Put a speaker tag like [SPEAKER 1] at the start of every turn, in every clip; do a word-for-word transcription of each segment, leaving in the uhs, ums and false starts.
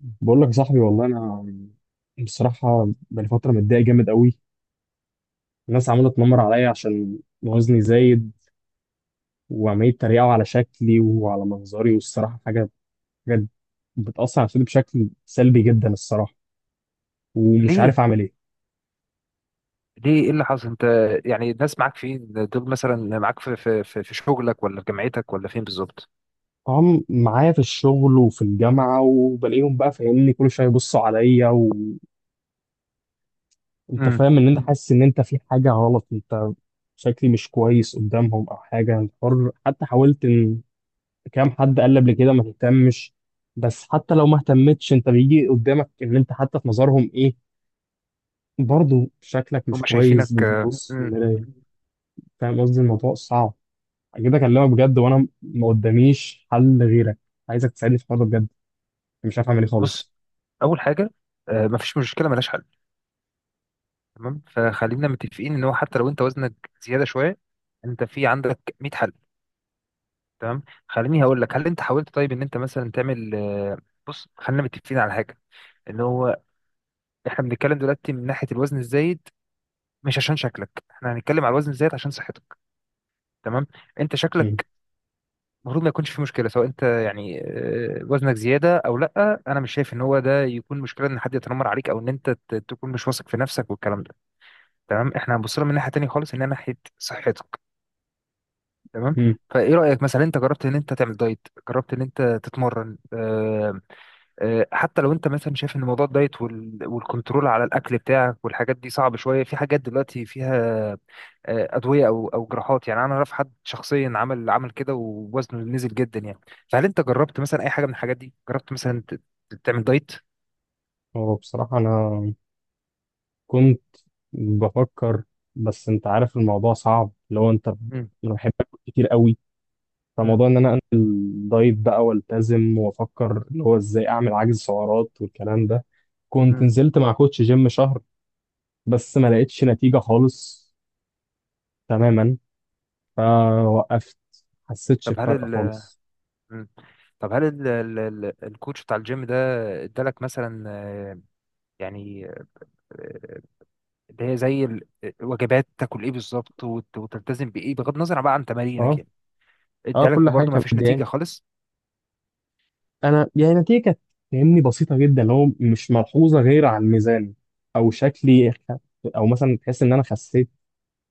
[SPEAKER 1] بقول لك يا صاحبي، والله انا بصراحه بقالي فتره متضايق جامد قوي. الناس عماله تنمر عليا عشان وزني زايد، وعمالين يتريقوا على شكلي وعلى منظري، والصراحه حاجه حاجه بتاثر على نفسيتي بشكل سلبي جدا الصراحه، ومش
[SPEAKER 2] ليه
[SPEAKER 1] عارف اعمل ايه.
[SPEAKER 2] ليه ايه اللي حصل انت؟ يعني الناس معاك فين دول؟ مثلا معاك في في في في شغلك، ولا في جامعتك، ولا فين بالظبط؟
[SPEAKER 1] طبعا معايا في الشغل وفي الجامعه، وبلاقيهم بقى فاهمني كل شويه يبصوا عليا، وانت
[SPEAKER 2] امم
[SPEAKER 1] فاهم ان انت حاسس ان انت في حاجه غلط. انت شكلي مش كويس قدامهم او حاجه. حر حتى حاولت، كام حد قال لي قبل كده ما تهتمش، بس حتى لو ما اهتمتش انت بيجي قدامك ان انت حتى في نظرهم ايه، برضه شكلك
[SPEAKER 2] هم
[SPEAKER 1] مش كويس
[SPEAKER 2] شايفينك، آه،
[SPEAKER 1] بتبص في
[SPEAKER 2] امم
[SPEAKER 1] المراية. فاهم قصدي؟ الموضوع صعب. اجي اكلمك بجد وانا ما قداميش حل غيرك، عايزك تساعدني في الحوار ده بجد، مش عارف اعمل ايه
[SPEAKER 2] بص،
[SPEAKER 1] خالص.
[SPEAKER 2] اول حاجه، آه، مفيش مشكله ملهاش حل، تمام؟ فخلينا متفقين ان هو حتى لو انت وزنك زياده شويه، انت في عندك ميه حل، تمام؟ خليني هقول لك، هل انت حاولت طيب ان انت مثلا تعمل آه، بص، خلينا متفقين على حاجه، ان هو احنا بنتكلم دلوقتي من ناحيه الوزن الزايد، مش عشان شكلك، احنا هنتكلم على الوزن الزايد عشان صحتك، تمام؟ انت
[SPEAKER 1] مم.
[SPEAKER 2] شكلك المفروض ما يكونش في مشكله، سواء انت يعني، آه، وزنك زياده او لا، انا مش شايف ان هو ده يكون مشكله ان حد يتنمر عليك، او ان انت ت- تكون مش واثق في نفسك والكلام ده، تمام؟ احنا هنبص لها من ناحيه تانية خالص، ان هي ناحيه صحتك، تمام؟
[SPEAKER 1] مم.
[SPEAKER 2] فايه رايك مثلا، انت جربت ان انت تعمل دايت؟ جربت ان انت تتمرن؟ آه، آه، حتى لو انت مثلا شايف ان موضوع الدايت وال- والكنترول على الاكل بتاعك والحاجات دي صعب شويه، في حاجات دلوقتي فيها، آه، ادويه او او جراحات، يعني انا اعرف حد شخصيا عمل عمل كده ووزنه نزل جدا يعني. فهل انت جربت مثلا اي حاجه من الحاجات دي؟ جربت مثلا ت- ت- تعمل دايت؟
[SPEAKER 1] هو بصراحة انا كنت بفكر، بس انت عارف الموضوع صعب لو انت
[SPEAKER 2] مم.
[SPEAKER 1] انا بحبك كتير قوي،
[SPEAKER 2] مم.
[SPEAKER 1] فموضوع ان انا انزل دايت بقى والتزم وافكر اللي هو ازاي اعمل عجز سعرات والكلام ده. كنت
[SPEAKER 2] مم.
[SPEAKER 1] نزلت مع كوتش جيم شهر، بس ما لقيتش نتيجة خالص تماما، فوقفت. حسيتش
[SPEAKER 2] طب هل
[SPEAKER 1] بفرق
[SPEAKER 2] ال
[SPEAKER 1] خالص.
[SPEAKER 2] مم. طب هل ال ال ال الكوتش بتاع الجيم ده ادالك مثلا، آه، يعني، آه، اللي هي زي ال- آه، وجبات، تاكل ايه بالظبط وت- وتلتزم بايه بغض النظر بقى عن تمارينك
[SPEAKER 1] اه
[SPEAKER 2] يعني؟
[SPEAKER 1] اه،
[SPEAKER 2] ادالك
[SPEAKER 1] كل حاجة
[SPEAKER 2] وبرضه ما
[SPEAKER 1] كانت
[SPEAKER 2] فيش نتيجه
[SPEAKER 1] مضايقاني.
[SPEAKER 2] خالص؟
[SPEAKER 1] انا يعني نتيجة كانت فاهمني بسيطة جدا، اللي هو مش ملحوظة غير على الميزان او شكلي خ- او مثلا تحس ان انا خسيت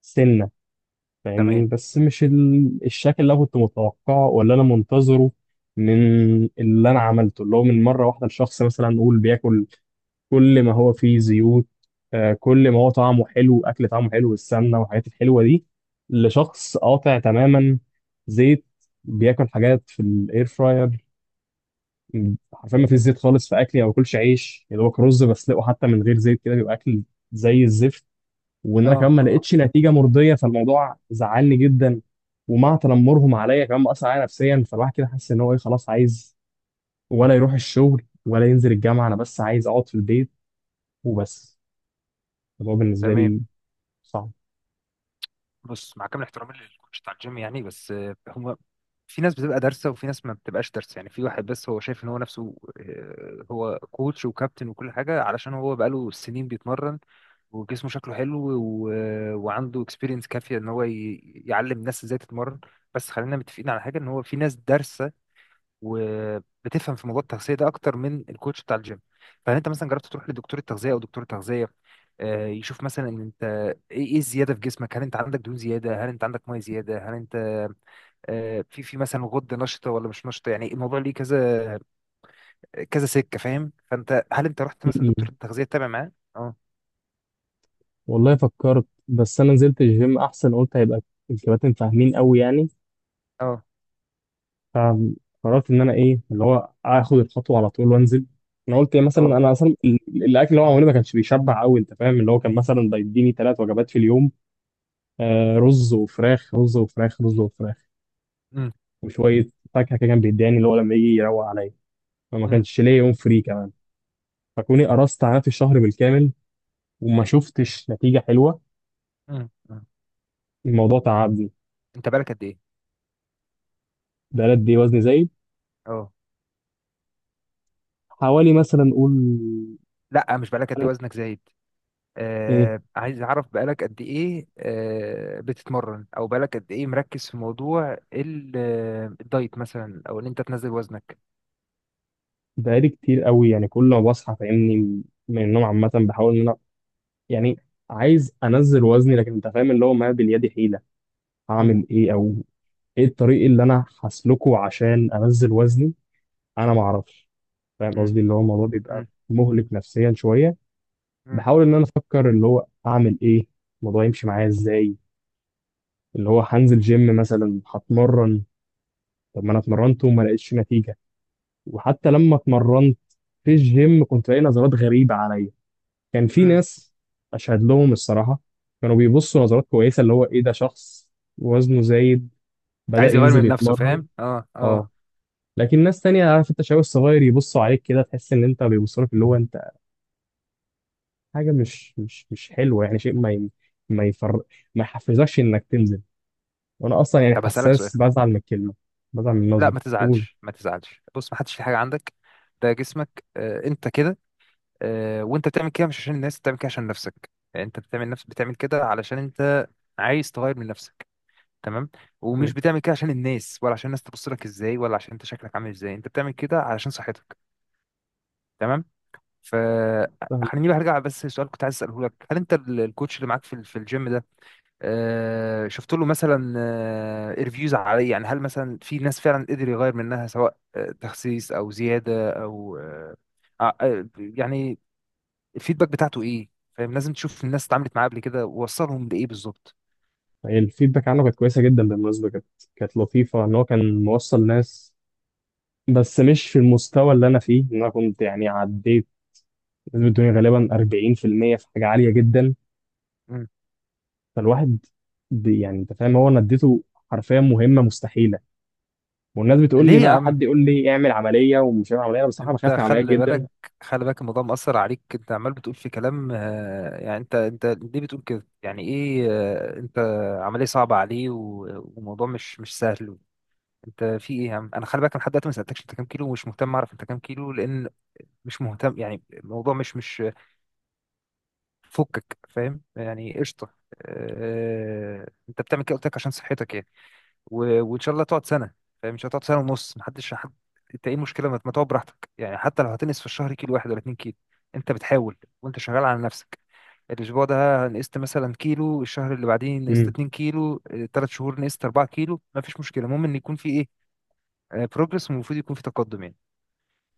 [SPEAKER 1] سنة فاهمني،
[SPEAKER 2] تمام.
[SPEAKER 1] بس مش ال... الشكل اللي انا كنت متوقعه ولا انا منتظره. من اللي انا عملته اللي هو من مره واحده الشخص مثلا نقول بياكل كل ما هو فيه زيوت، آه، كل ما هو طعمه حلو، اكل طعمه حلو بالسمنه والحاجات الحلوه دي، لشخص قاطع تماما زيت، بياكل حاجات في الاير فراير. حرفيا ما فيش زيت خالص في اكلي، او باكلش عيش، يا دوبك رز بسلقه حتى من غير زيت كده بيبقى اكل زي الزفت. وان انا
[SPEAKER 2] اه
[SPEAKER 1] كمان ما
[SPEAKER 2] اه،
[SPEAKER 1] لقيتش نتيجه مرضيه، فالموضوع زعلني جدا، ومع تنمرهم عليا كمان مأثر عليا نفسيا، فالواحد كده حاسس ان هو ايه خلاص، عايز ولا يروح الشغل ولا ينزل الجامعه، انا بس عايز اقعد في البيت وبس. الموضوع بالنسبه
[SPEAKER 2] تمام.
[SPEAKER 1] لي صعب.
[SPEAKER 2] بص، مع كامل احترامي للكوتش بتاع الجيم يعني، بس آه، هو في ناس بتبقى دارسه وفي ناس ما بتبقاش دارسه، يعني في واحد بس هو شايف ان هو نفسه، آه، هو كوتش وكابتن وكل حاجه علشان هو بقاله سنين بيتمرن وجسمه شكله حلو و... وعنده اكسبيرينس كافيه ان هو ي... يعلم الناس ازاي تتمرن. بس خلينا متفقين على حاجه، ان هو في ناس دارسه وبتفهم في موضوع التغذيه ده اكتر من الكوتش بتاع الجيم. فهل انت مثلا جربت تروح لدكتور التغذيه؟ او دكتور التغذيه، آه، يشوف مثلا ان انت ايه إيه الزياده في جسمك؟ هل انت عندك دهون زياده؟ هل انت عندك ميه زياده؟ هل انت، آه، في في مثلا غده نشطه ولا مش نشطه؟ يعني الموضوع ليه كذا كذا سكه، فاهم؟ فانت هل انت رحت مثلا
[SPEAKER 1] م-م.
[SPEAKER 2] دكتور التغذيه تتابع معاه؟ اه
[SPEAKER 1] والله فكرت، بس انا نزلت الجيم احسن قلت هيبقى الكباتن فاهمين قوي يعني.
[SPEAKER 2] اه
[SPEAKER 1] قررت ان انا ايه اللي هو اخد الخطوه على طول وانزل. انا قلت إيه مثلا،
[SPEAKER 2] اه.
[SPEAKER 1] انا اصلا ال- الاكل اللي هو عملني ما كانش بيشبع قوي، انت فاهم اللي هو كان مثلا بيديني ثلاث وجبات في اليوم، آه رز وفراخ، رز وفراخ، رز وفراخ
[SPEAKER 2] امم
[SPEAKER 1] وشويه فاكهه كده، كان بيداني اللي هو لما يجي يروق عليا، فما
[SPEAKER 2] امم
[SPEAKER 1] كانش ليا يوم فري كمان. فكوني قرصت على نفسي الشهر بالكامل وما شفتش نتيجه حلوه،
[SPEAKER 2] امم امم.
[SPEAKER 1] الموضوع تعبني.
[SPEAKER 2] انت بالك قد ايه؟
[SPEAKER 1] بقى قد ايه وزني زايد؟
[SPEAKER 2] اه،
[SPEAKER 1] حوالي مثلا قول
[SPEAKER 2] لا، مش بالك قد ايه
[SPEAKER 1] تلات-
[SPEAKER 2] وزنك زايد،
[SPEAKER 1] ايه،
[SPEAKER 2] آه، عايز اعرف بقالك قد ايه آه بتتمرن، او بقالك قد ايه مركز في موضوع ال- آه، الدايت، مثلا، او ان انت تنزل وزنك.
[SPEAKER 1] بقالي كتير قوي يعني. كل ما بصحى فاهمني من النوم عامه بحاول ان انا يعني عايز انزل وزني، لكن انت فاهم اللي هو ما باليد حيله.
[SPEAKER 2] مم،
[SPEAKER 1] هعمل ايه؟ او ايه الطريق اللي انا هسلكه عشان انزل وزني؟ انا ما اعرفش. فاهم
[SPEAKER 2] مم،
[SPEAKER 1] قصدي اللي هو الموضوع بيبقى
[SPEAKER 2] مم،
[SPEAKER 1] مهلك نفسيا شويه.
[SPEAKER 2] مم،
[SPEAKER 1] بحاول ان انا افكر اللي هو اعمل ايه، الموضوع يمشي معايا ازاي، اللي هو هنزل جيم مثلا هتمرن. طب ما انا اتمرنت وما لقيتش نتيجه. وحتى لما اتمرنت في الجيم، كنت لاقي نظرات غريبه عليا. كان في
[SPEAKER 2] مم.
[SPEAKER 1] ناس اشهد لهم الصراحه، كانوا بيبصوا نظرات كويسه، اللي هو ايه ده شخص وزنه زايد بدأ
[SPEAKER 2] عايز يغير
[SPEAKER 1] ينزل
[SPEAKER 2] من نفسه،
[SPEAKER 1] يتمرن.
[SPEAKER 2] فاهم، اه اه.
[SPEAKER 1] اه. لكن ناس تانية، عارف انت، شباب الصغير يبصوا عليك كده، تحس ان انت بيبصوا لك اللي هو انت حاجه مش مش مش حلوه يعني. شيء ما ي- ما يفر ما يحفزكش انك تنزل، وانا اصلا يعني
[SPEAKER 2] طب هسألك سؤال.
[SPEAKER 1] حساس، بزعل من الكلمه، بزعل من
[SPEAKER 2] لا
[SPEAKER 1] النظره.
[SPEAKER 2] ما
[SPEAKER 1] قول.
[SPEAKER 2] تزعلش، ما تزعلش. بص، ما حدش في حاجة عندك، ده جسمك، آه، انت كده، آه، وانت بتعمل كده مش عشان الناس بتعمل كده عشان نفسك، يعني انت بتعمل نفس بتعمل كده علشان انت عايز تغير من نفسك، تمام؟ ومش
[SPEAKER 1] قول.
[SPEAKER 2] بتعمل كده عشان الناس، ولا عشان الناس تبص لك ازاي، ولا عشان انت شكلك عامل ازاي، انت بتعمل كده علشان صحتك، تمام. ف
[SPEAKER 1] فاهم
[SPEAKER 2] خليني بقى ارجع بس لسؤال كنت عايز اساله لك: هل انت ال- الكوتش اللي معاك في ال- في الجيم ده، آه، شفت له مثلا ريفيوز عليه؟ يعني هل مثلا في ناس فعلا قدر يغير منها، سواء آه، تخسيس او زياده او آه آه، آه، يعني الفيدباك بتاعته ايه؟ فاهم؟ لازم تشوف الناس اتعاملت معاه قبل كده ووصلهم لايه بالظبط.
[SPEAKER 1] يعني. الفيدباك عنه كانت كويسه جدا بالمناسبه، كانت كانت لطيفه ان هو كان موصل ناس، بس مش في المستوى اللي انا فيه، ان انا كنت يعني عديت نسبه دوني غالبا أربعين بالمية في المية، في حاجه عاليه جدا.
[SPEAKER 2] مم.
[SPEAKER 1] فالواحد بي- يعني انت فاهم، هو انا اديته حرفيا مهمه مستحيله. والناس بتقول لي
[SPEAKER 2] ليه يا
[SPEAKER 1] بقى، حد
[SPEAKER 2] عم؟
[SPEAKER 1] يقول لي اعمل عمليه، ومش هعمل عمليه. أنا بصراحه
[SPEAKER 2] انت
[SPEAKER 1] بخاف من
[SPEAKER 2] خلي
[SPEAKER 1] العمليات
[SPEAKER 2] بالك، خلي بالك الموضوع مأثر عليك، انت عمال بتقول في كلام، آه، يعني انت انت ليه بتقول كده؟ يعني ايه آه، انت عملية صعبة عليه و- وموضوع مش مش سهل؟ انت في ايه يا عم؟ انا خلي بالك، انا لحد دلوقتي ما سألتكش انت كام كيلو، ومش مهتم اعرف انت كام كيلو، لان مش مهتم، يعني الموضوع مش مش فكك، فاهم يعني؟ قشطة. آه، انت بتعمل كده قلت لك عشان صحتك يعني، و... وان شاء الله تقعد سنه، فاهم؟ مش هتقعد سنه ونص، محدش حد، انت ايه المشكله؟ ما ما تقعد براحتك، يعني حتى لو هتنقص في الشهر كيلو واحد ولا اتنين كيلو، انت بتحاول وانت شغال على نفسك. الاسبوع ده نقصت مثلا كيلو، الشهر اللي بعديه نقصت
[SPEAKER 1] جدا.
[SPEAKER 2] اتنين كيلو، ثلاث شهور نقصت اربعة كيلو، ما فيش مشكله. المهم ان يكون في ايه؟ بروجرس، والمفروض يكون في تقدم يعني.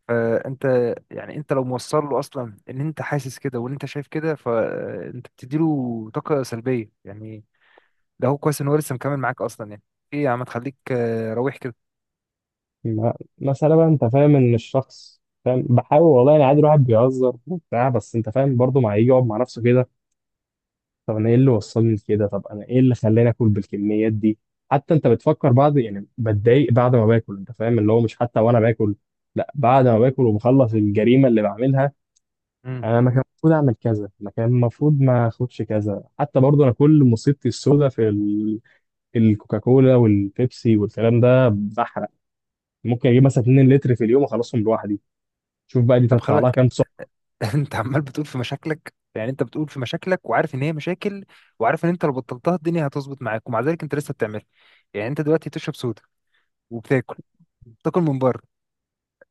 [SPEAKER 2] فانت يعني انت لو موصل له اصلا ان انت حاسس كده وان انت شايف كده، فانت بتديله طاقه سلبيه يعني. ده هو كويس ان هو لسه مكمل معاك اصلا يعني، ايه يا عم تخليك روح كده.
[SPEAKER 1] ما- مسألة بقى انت فاهم ان الشخص فاهم بحاول، والله يعني عادي الواحد بيهزر وبتاع، بس انت فاهم برضه ما يجي يقعد مع نفسه كده، طب انا ايه اللي وصلني لكده، طب انا ايه اللي خلاني اكل بالكميات دي. حتى انت بتفكر بعد، يعني بتضايق بعد ما باكل، انت فاهم اللي هو مش حتى وانا باكل، لا بعد ما باكل وبخلص الجريمة اللي بعملها،
[SPEAKER 2] مم.
[SPEAKER 1] انا ما كان المفروض اعمل كذا، ما كان المفروض ما اخدش كذا. حتى برضه انا كل مصيبتي السوداء في ال... الكوكاكولا والبيبسي والكلام ده بحرق، ممكن اجيب مثلا اتنين لتر في اليوم اخلصهم لوحدي. شوف بقى دي
[SPEAKER 2] طب خلي
[SPEAKER 1] تطلع لها
[SPEAKER 2] بالك،
[SPEAKER 1] كام سؤال.
[SPEAKER 2] انت عمال بتقول في مشاكلك، يعني انت بتقول في مشاكلك وعارف ان هي مشاكل، وعارف ان انت لو بطلتها الدنيا هتظبط معاك، ومع ذلك انت لسه بتعملها. يعني انت دلوقتي بتشرب سودا، وبتاكل، بتاكل من بره،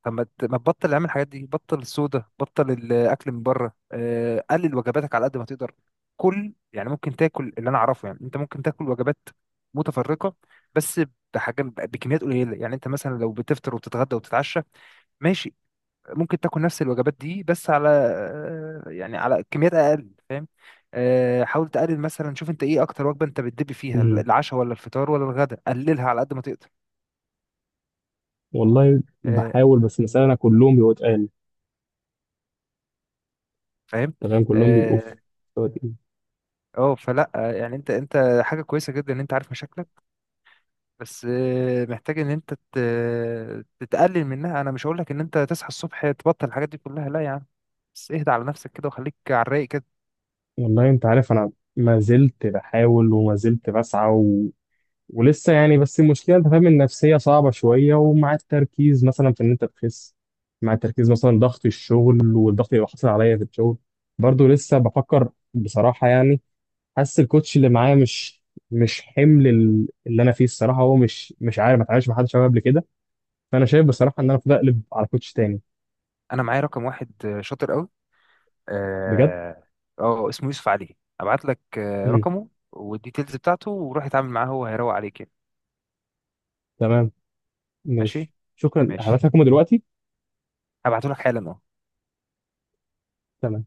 [SPEAKER 2] طب ما ت- ما تبطل اعمل الحاجات دي، بطل السودا، بطل الاكل من بره، آه، قلل وجباتك على قد ما تقدر. كل يعني، ممكن تاكل اللي انا اعرفه يعني، انت ممكن تاكل وجبات متفرقه بس بحاجه بكميات قليله، يعني انت مثلا لو بتفطر وبتتغدى وبتتعشى، ماشي، ممكن تاكل نفس الوجبات دي، بس على آه، يعني على كميات اقل، فاهم؟ آه، حاول تقلل مثلا، شوف انت ايه اكتر وجبه انت بتدب فيها،
[SPEAKER 1] مهم.
[SPEAKER 2] العشاء ولا الفطار ولا الغداء، قللها على قد ما تقدر.
[SPEAKER 1] والله
[SPEAKER 2] آه،
[SPEAKER 1] بحاول، بس المسألة أنا كلهم بيبقوا تقال.
[SPEAKER 2] فاهم.
[SPEAKER 1] تمام، كلهم بيبقوا في
[SPEAKER 2] اه،
[SPEAKER 1] مستوى تقيل.
[SPEAKER 2] آه، فلا آه، يعني انت انت حاجه كويسه جدا ان انت عارف مشاكلك، بس آه، محتاج ان انت ت- تتقلل منها. انا مش هقول لك ان انت تصحى الصبح تبطل الحاجات دي كلها، لا يا عم، بس اهدى على نفسك كده وخليك على الرايق كده.
[SPEAKER 1] والله أنت عارف أنا ما زلت بحاول وما زلت بسعى و... ولسه يعني، بس المشكلة أنت فاهم النفسية صعبة شوية، ومع التركيز مثلا في إن أنت تخس، مع التركيز مثلا ضغط الشغل والضغط اللي حاصل عليا في الشغل، برضه لسه بفكر بصراحة يعني. حاسس الكوتش اللي معايا مش مش حمل ال- اللي أنا فيه الصراحة، هو مش، مش عارف، ما اتعاملش مع حد شباب قبل كده. فانا شايف بصراحه ان انا المفروض اقلب على كوتش تاني.
[SPEAKER 2] انا معايا رقم واحد، آه، شاطر قوي.
[SPEAKER 1] بجد؟
[SPEAKER 2] اه. آه، اسمه يوسف علي، ابعت لك آه،
[SPEAKER 1] مم.
[SPEAKER 2] رقمه والديتيلز بتاعته وروح اتعامل معاه، هو هيروق عليك يعني.
[SPEAKER 1] تمام.
[SPEAKER 2] ماشي،
[SPEAKER 1] ماشي، شكرا، هبعت
[SPEAKER 2] ماشي،
[SPEAKER 1] لكم دلوقتي.
[SPEAKER 2] هبعته لك حالا أهو.
[SPEAKER 1] تمام.